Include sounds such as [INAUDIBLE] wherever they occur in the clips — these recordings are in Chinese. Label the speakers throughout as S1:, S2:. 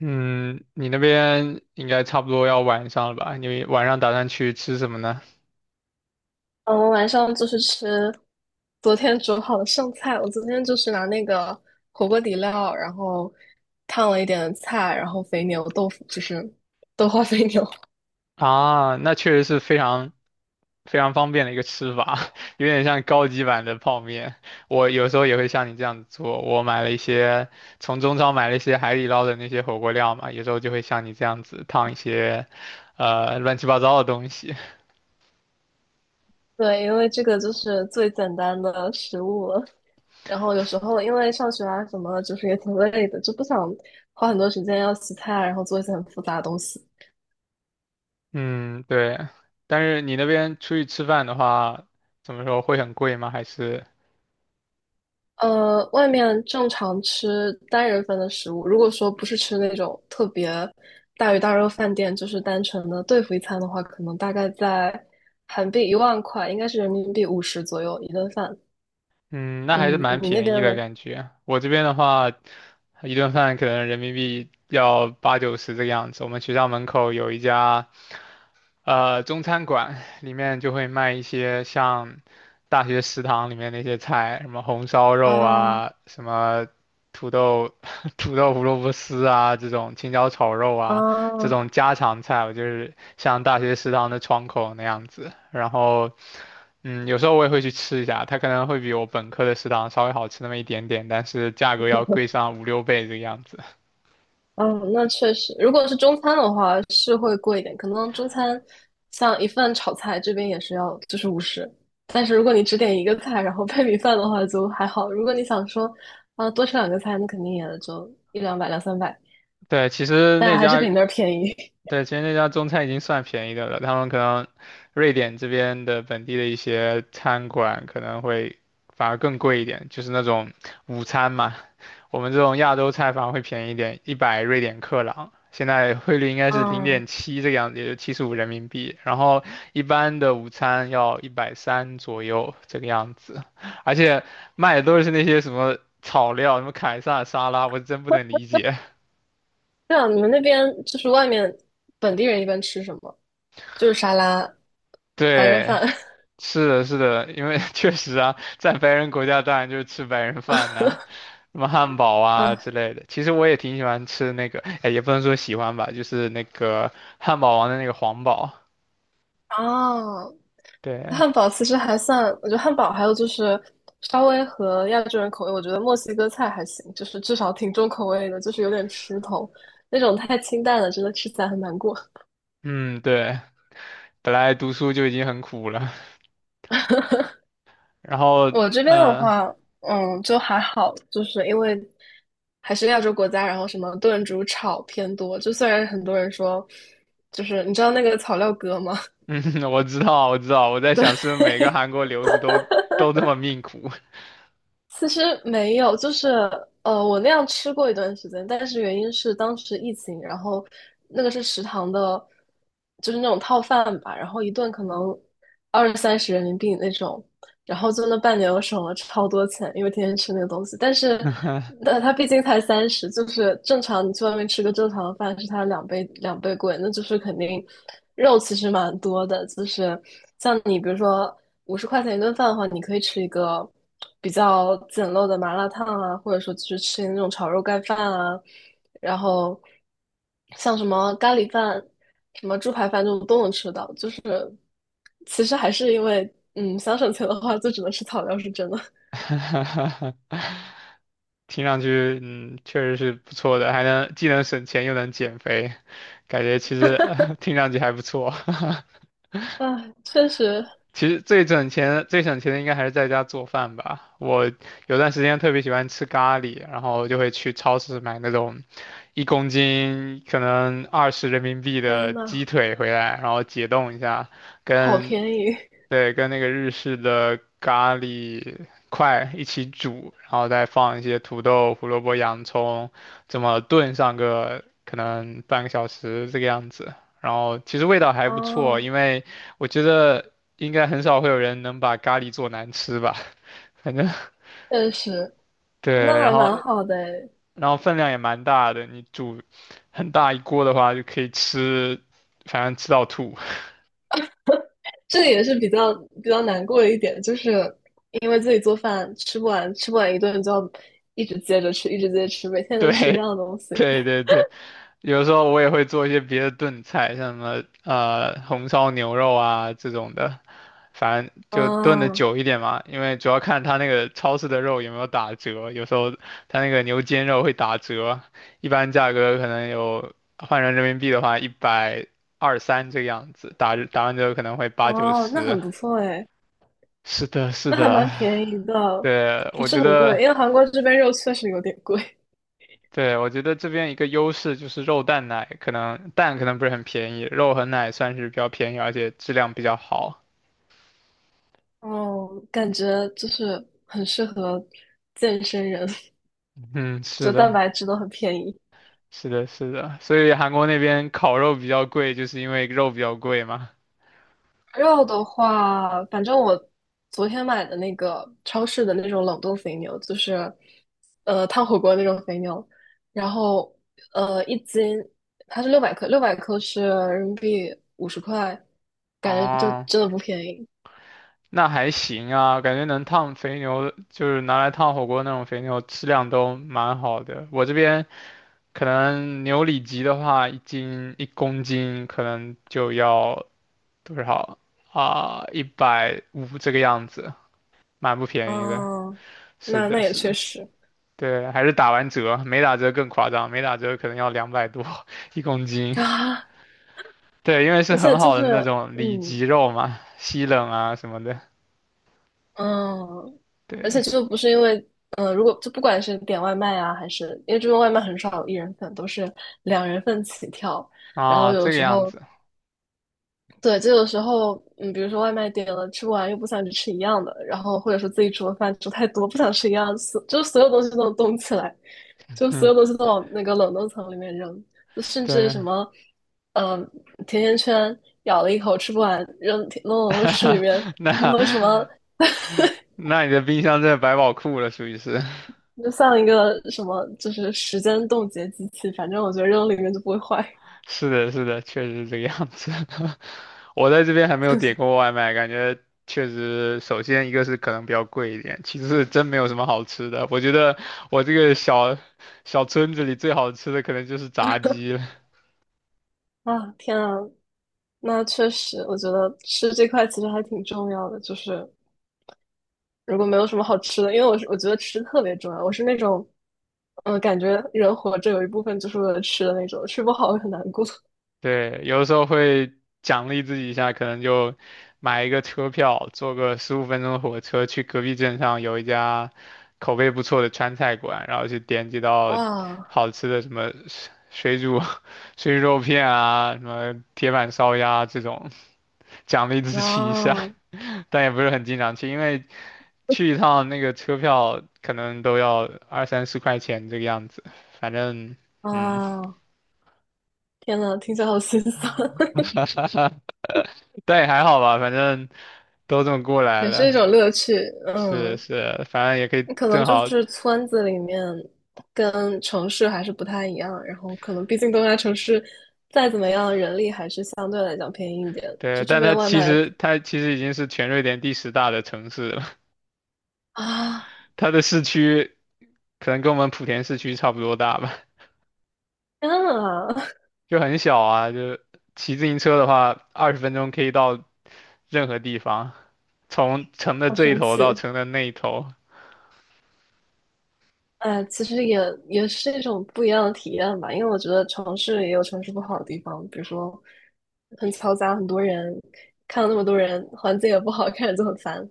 S1: 嗯，你那边应该差不多要晚上了吧？你晚上打算去吃什么呢？
S2: 嗯，我晚上就是吃昨天煮好的剩菜。我昨天就是拿那个火锅底料，然后烫了一点菜，然后肥牛豆腐，就是 [LAUGHS] 豆花肥牛。
S1: 啊，那确实是非常非常方便的一个吃法，[LAUGHS] 有点像高级版的泡面。我有时候也会像你这样子做，我买了一些，从中超买了一些海底捞的那些火锅料嘛，有时候就会像你这样子烫一些，乱七八糟的东西。
S2: [LAUGHS] 对，因为这个就是最简单的食物了。然后有时候因为上学啊什么的，就是也挺累的，就不想花很多时间要洗菜，然后做一些很复杂的东西。
S1: [LAUGHS] 嗯，对。但是你那边出去吃饭的话，怎么说会很贵吗？还是？
S2: 外面正常吃单人份的食物，如果说不是吃那种特别大鱼大肉饭店，就是单纯的对付一餐的话，可能大概在韩币10000块，应该是人民币五十左右一顿饭。
S1: 嗯，那还是
S2: 嗯，
S1: 蛮
S2: 你那
S1: 便宜
S2: 边
S1: 的
S2: 嘞？
S1: 感觉。我这边的话，一顿饭可能人民币要八九十这个样子。我们学校门口有一家中餐馆，里面就会卖一些像大学食堂里面那些菜，什么红烧肉
S2: 啊
S1: 啊，什么土豆 [LAUGHS] 土豆胡萝卜丝啊，这种青椒炒肉啊，这
S2: 啊，
S1: 种家常菜，我就是像大学食堂的窗口那样子。然后。嗯，有时候我也会去吃一下，它可能会比我本科的食堂稍微好吃那么一点点，但是价格要贵上五六倍这个样子。[LAUGHS]
S2: 嗯，那确实，如果是中餐的话是会贵一点，可能中餐像一份炒菜这边也是要就是五十，但是如果你只点一个菜，然后配米饭的话就还好。如果你想说啊、多吃两个菜，那肯定也就一两百两三百，
S1: 对，其实
S2: 但
S1: 那
S2: 还是
S1: 家
S2: 比那儿便宜。
S1: 对，其实那家中餐已经算便宜的了，他们可能瑞典这边的本地的一些餐馆可能会反而更贵一点，就是那种午餐嘛，我们这种亚洲菜反而会便宜一点，100瑞典克朗，现在汇率应
S2: [LAUGHS]
S1: 该是零
S2: 嗯，
S1: 点七这个样子，也就75人民币，然后一般的午餐要130左右这个样子，而且卖的都是那些什么草料，什么凯撒沙拉，我真不能理解，
S2: 对啊，你们那边就是外面本地人一般吃什么？就是沙拉、白人
S1: 对。
S2: 饭。[LAUGHS]
S1: 是的，是的，因为 [LAUGHS] 确实啊，在白人国家当然就是吃白人饭呐、什么汉堡啊
S2: 嗯，
S1: 之类的。其实我也挺喜欢吃那个，哎，也不能说喜欢吧，就是那个汉堡王的那个黄堡。
S2: 哦，
S1: 对，
S2: 汉堡其实还算，我觉得汉堡还有就是稍微和亚洲人口味，我觉得墨西哥菜还行，就是至少挺重口味的，就是有点吃头，那种太清淡了，真的吃起来很难过。
S1: 嗯，对，本来读书就已经很苦了，然后，
S2: 我这边的
S1: 呃，
S2: 话，嗯，就还好，就是因为还是亚洲国家，然后什么炖煮炒偏多，就虽然很多人说，就是你知道那个草料哥吗？
S1: [LAUGHS]
S2: [LAUGHS]
S1: 嗯，我知道，我知道，我在想是不是每个
S2: 对，
S1: 韩国留子都这么命苦。
S2: 其实没有，就是我那样吃过一段时间，但是原因是当时疫情，然后那个是食堂的，就是那种套饭吧，然后一顿可能二三十人民币那种，然后就那半年我省了超多钱，因为天天吃那个东西。
S1: [LAUGHS]
S2: 但它毕竟才三十，就是正常你去外面吃个正常的饭是它两倍两倍贵，那就是肯定肉其实蛮多的。就是像你比如说50块钱一顿饭的话，你可以吃一个比较简陋的麻辣烫啊，或者说去是吃那种炒肉盖饭啊，然后像什么咖喱饭、什么猪排饭这种都能吃到，就是其实还是因为，嗯，想省钱的话，就只能吃草料，是真的。
S1: [LAUGHS] 听上去，嗯，确实是不错的，还能既能省钱又能减肥，感觉其实，[LAUGHS] 听上去还不错。[LAUGHS]
S2: 唉，确实，
S1: 其实最省钱的应该还是在家做饭吧。我有段时间特别喜欢吃咖喱，然后就会去超市买那种一公斤可能20人民币
S2: 天
S1: 的鸡
S2: 呐，
S1: 腿回来，然后解冻一下，
S2: 好
S1: 跟
S2: 便宜
S1: 对，跟那个日式的咖喱块一起煮，然后再放一些土豆、胡萝卜、洋葱，这么炖上个可能半个小时这个样子。然后其实味道还不错，
S2: 哦，
S1: 因为我觉得应该很少会有人能把咖喱做难吃吧，[LAUGHS] 反正
S2: 确实，那
S1: 对，然
S2: 还蛮
S1: 后
S2: 好的诶。
S1: 然后分量也蛮大的，你煮很大一锅的话就可以吃，反正吃到吐。[LAUGHS]
S2: 这个也是比较难过的一点，就是因为自己做饭吃不完，吃不完一顿就要一直接着吃，一直接着吃，每天都吃一
S1: 对，
S2: 样的东西。
S1: 对对对。有时候我也会做一些别的炖菜，像什么红烧牛肉啊这种的，反正就炖的
S2: 嗯，
S1: 久一点嘛，因为主要看他那个超市的肉有没有打折，有时候他那个牛肩肉会打折，一般价格可能有换成人民币的话一百二三这个样子，打完折可能会八九
S2: 哦，那
S1: 十。
S2: 很不错诶，
S1: 是的，是
S2: 那还
S1: 的，
S2: 蛮便宜的，
S1: 对，
S2: 不
S1: 我
S2: 是
S1: 觉
S2: 很
S1: 得。
S2: 贵，因为韩国这边肉确实有点贵。
S1: 对，我觉得这边一个优势就是肉蛋奶，可能蛋可能不是很便宜，肉和奶算是比较便宜，而且质量比较好。
S2: 哦，感觉就是很适合健身人，
S1: [LAUGHS] 嗯，
S2: [LAUGHS]
S1: 是
S2: 就蛋
S1: 的，
S2: 白质都很便宜。
S1: 是的，是的，所以韩国那边烤肉比较贵，就是因为肉比较贵嘛。
S2: 肉的话，反正我昨天买的那个超市的那种冷冻肥牛，就是烫火锅那种肥牛，然后一斤它是六百克，六百克是人民币五十块，感觉就
S1: 哦，
S2: 真的不便宜。
S1: 那还行啊，感觉能烫肥牛，就是拿来烫火锅那种肥牛，质量都蛮好的。我这边可能牛里脊的话，一斤一公斤可能就要多少啊？150这个样子。蛮不便宜的。
S2: 嗯，
S1: 是
S2: 那
S1: 的，
S2: 也
S1: 是
S2: 确
S1: 的，
S2: 实
S1: 对，还是打完折，没打折更夸张，没打折可能要200多 [LAUGHS] 一公斤。
S2: 啊，
S1: 对，因为是
S2: 而且
S1: 很
S2: 就
S1: 好的那
S2: 是
S1: 种里
S2: 嗯，
S1: 脊肉嘛，西冷啊什么的。
S2: 嗯，而
S1: 对，
S2: 且就不是因为，嗯，如果就不管是点外卖啊，还是因为这边外卖很少有一人份，都是两人份起跳。然后
S1: 啊，
S2: 有
S1: 这个
S2: 时
S1: 样
S2: 候，
S1: 子，
S2: 对，就有时候，嗯，比如说外卖点了吃不完，又不想去吃一样的，然后或者说自己煮的饭煮太多，不想吃一样的，所就所有东西都能冻起来，就所
S1: 嗯，
S2: 有东西都往那个冷冻层里面扔，就甚至
S1: 对，
S2: 什么，嗯，甜甜圈咬了一口吃不完，扔冷冻室里面。
S1: [LAUGHS] 那
S2: 然后什么
S1: 那你的冰箱真的百宝库了，属于是。
S2: 就像一个什么，就是时间冻结机器，反正我觉得扔里面就不会坏
S1: 是的，是的，确实是这个样子。[LAUGHS] 我在这边还没有点过外卖，感觉确实，首先一个是可能比较贵一点，其次是真没有什么好吃的。我觉得我这个小村子里最好吃的可能就是炸鸡了。
S2: 啊！天啊，那确实，我觉得吃这块其实还挺重要的。就是如果没有什么好吃的，因为我觉得吃特别重要，我是那种，嗯、感觉人活着有一部分就是为了吃的那种，吃不好会很难过。
S1: 对，有的时候会奖励自己一下，可能就买一个车票，坐个15分钟的火车去隔壁镇上有一家口碑不错的川菜馆，然后去点几道
S2: 哇，
S1: 好吃的什么水煮 [LAUGHS] 水煮肉片啊，什么铁板烧鸭这种，奖励自
S2: 然
S1: 己一下，
S2: 后
S1: [LAUGHS] 但也不是很经常去，因为去一趟那个车票可能都要二三十块钱这个样子，反正嗯。
S2: 啊，天呐，听起来好心酸，
S1: [LAUGHS] 但也还好吧，反正都这么过
S2: [LAUGHS]
S1: 来
S2: 也是一种
S1: 了。
S2: 乐趣。
S1: 是
S2: 嗯，
S1: 是，反正也可以
S2: 可能
S1: 正
S2: 就
S1: 好，
S2: 是村子里面跟城市还是不太一样，然后可能毕竟东亚城市再怎么样，人力还是相对来讲便宜一点。
S1: 对，
S2: 就这
S1: 但它
S2: 边外
S1: 其
S2: 卖
S1: 实它其实已经是全瑞典第10大的城市了，
S2: 啊，
S1: [LAUGHS] 它的市区可能跟我们莆田市区差不多大吧，
S2: 天啊，
S1: 就很小啊，就骑自行车的话，20分钟可以到任何地方，从城
S2: [LAUGHS]
S1: 的
S2: 好
S1: 这一
S2: 生
S1: 头到
S2: 气！
S1: 城的那一头。
S2: 哎，其实也是一种不一样的体验吧，因为我觉得城市也有城市不好的地方，比如说很嘈杂，很多人，看到那么多人，环境也不好，[LAUGHS] 看着就很烦。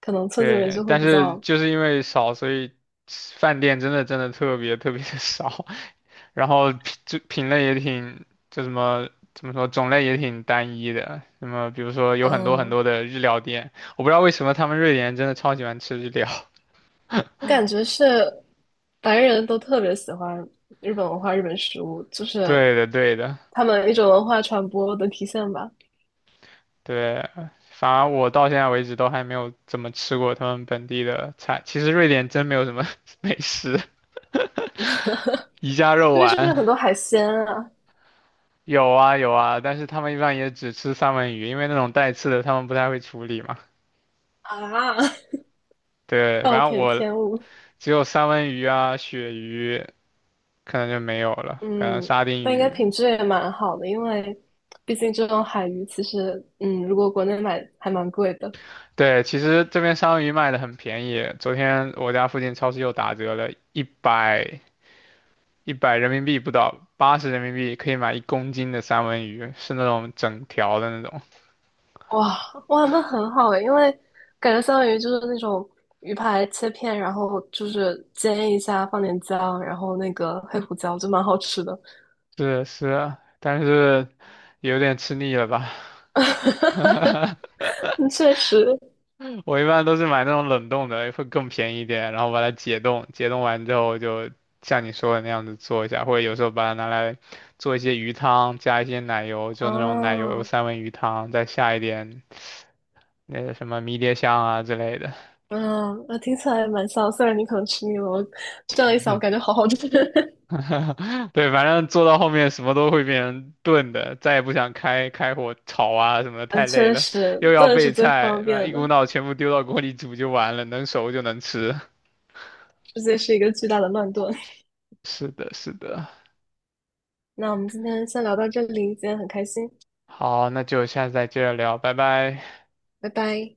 S2: 可能村子里面
S1: 对，
S2: 就会
S1: 但
S2: 比
S1: 是
S2: 较，
S1: 就是因为少，所以吃饭店真的真的特别特别的少，[LAUGHS] 然后品类也挺，就什么怎么说，种类也挺单一的。那么比如说有很多很
S2: 嗯，
S1: 多的日料店，我不知道为什么他们瑞典人真的超喜欢吃日料。[LAUGHS]
S2: 我感觉是白人都特别喜欢日本文化、日本食物，就是
S1: 对的，对的，
S2: 他们一种文化传播的体现吧。
S1: 对。反而我到现在为止都还没有怎么吃过他们本地的菜。其实瑞典真没有什么 [LAUGHS] 美食，宜家
S2: [LAUGHS] 那
S1: 肉
S2: 边是不是
S1: 丸。
S2: 很多海鲜啊？
S1: 有啊有啊，但是他们一般也只吃三文鱼，因为那种带刺的他们不太会处理嘛。
S2: 啊，
S1: 对，
S2: [LAUGHS] 暴
S1: 反正
S2: 殄
S1: 我
S2: 天物。
S1: 只有三文鱼啊、鳕鱼，可能就没有了，可能
S2: 嗯，
S1: 沙丁
S2: 但应该
S1: 鱼。
S2: 品质也蛮好的，因为毕竟这种海鱼其实，嗯，如果国内买还蛮贵的。
S1: 对，其实这边三文鱼卖的很便宜，昨天我家附近超市又打折了，一百人民币不到，80人民币可以买一公斤的三文鱼，是那种整条的那种。
S2: 哇哇，那很好诶，因为感觉相当于就是那种鱼排切片，然后就是煎一下，放点姜，然后那个黑胡椒，就蛮好吃的。
S1: 是是啊，但是有点吃腻了吧？
S2: [LAUGHS] 嗯确实，
S1: [LAUGHS] 我一般都是买那种冷冻的，会更便宜一点，然后把它解冻，解冻完之后就像你说的那样子做一下，或者有时候把它拿来做一些鱼汤，加一些奶油，就那种奶
S2: 啊，
S1: 油三文鱼汤，再下一点那个什么迷迭香啊之类的。
S2: 嗯，那听起来蛮香。虽然你可能吃腻了，我这样一想，我
S1: 嗯
S2: 感觉好好吃。[LAUGHS]
S1: [LAUGHS] 对，反正做到后面什么都会变成炖的，再也不想开火炒啊什么的，
S2: 嗯，
S1: 太累
S2: 确
S1: 了，
S2: 实，
S1: 又要
S2: 炖
S1: 备
S2: 是最
S1: 菜，
S2: 方
S1: 然后
S2: 便
S1: 一
S2: 的，
S1: 股脑全部丢到锅里煮就完了，能熟就能吃。[LAUGHS]
S2: 直接是一个巨大的乱炖。
S1: 是的，是的。
S2: [LAUGHS] 那我们今天先聊到这里，今天很开心，
S1: 好，那就下次再接着聊，拜拜。
S2: 拜拜。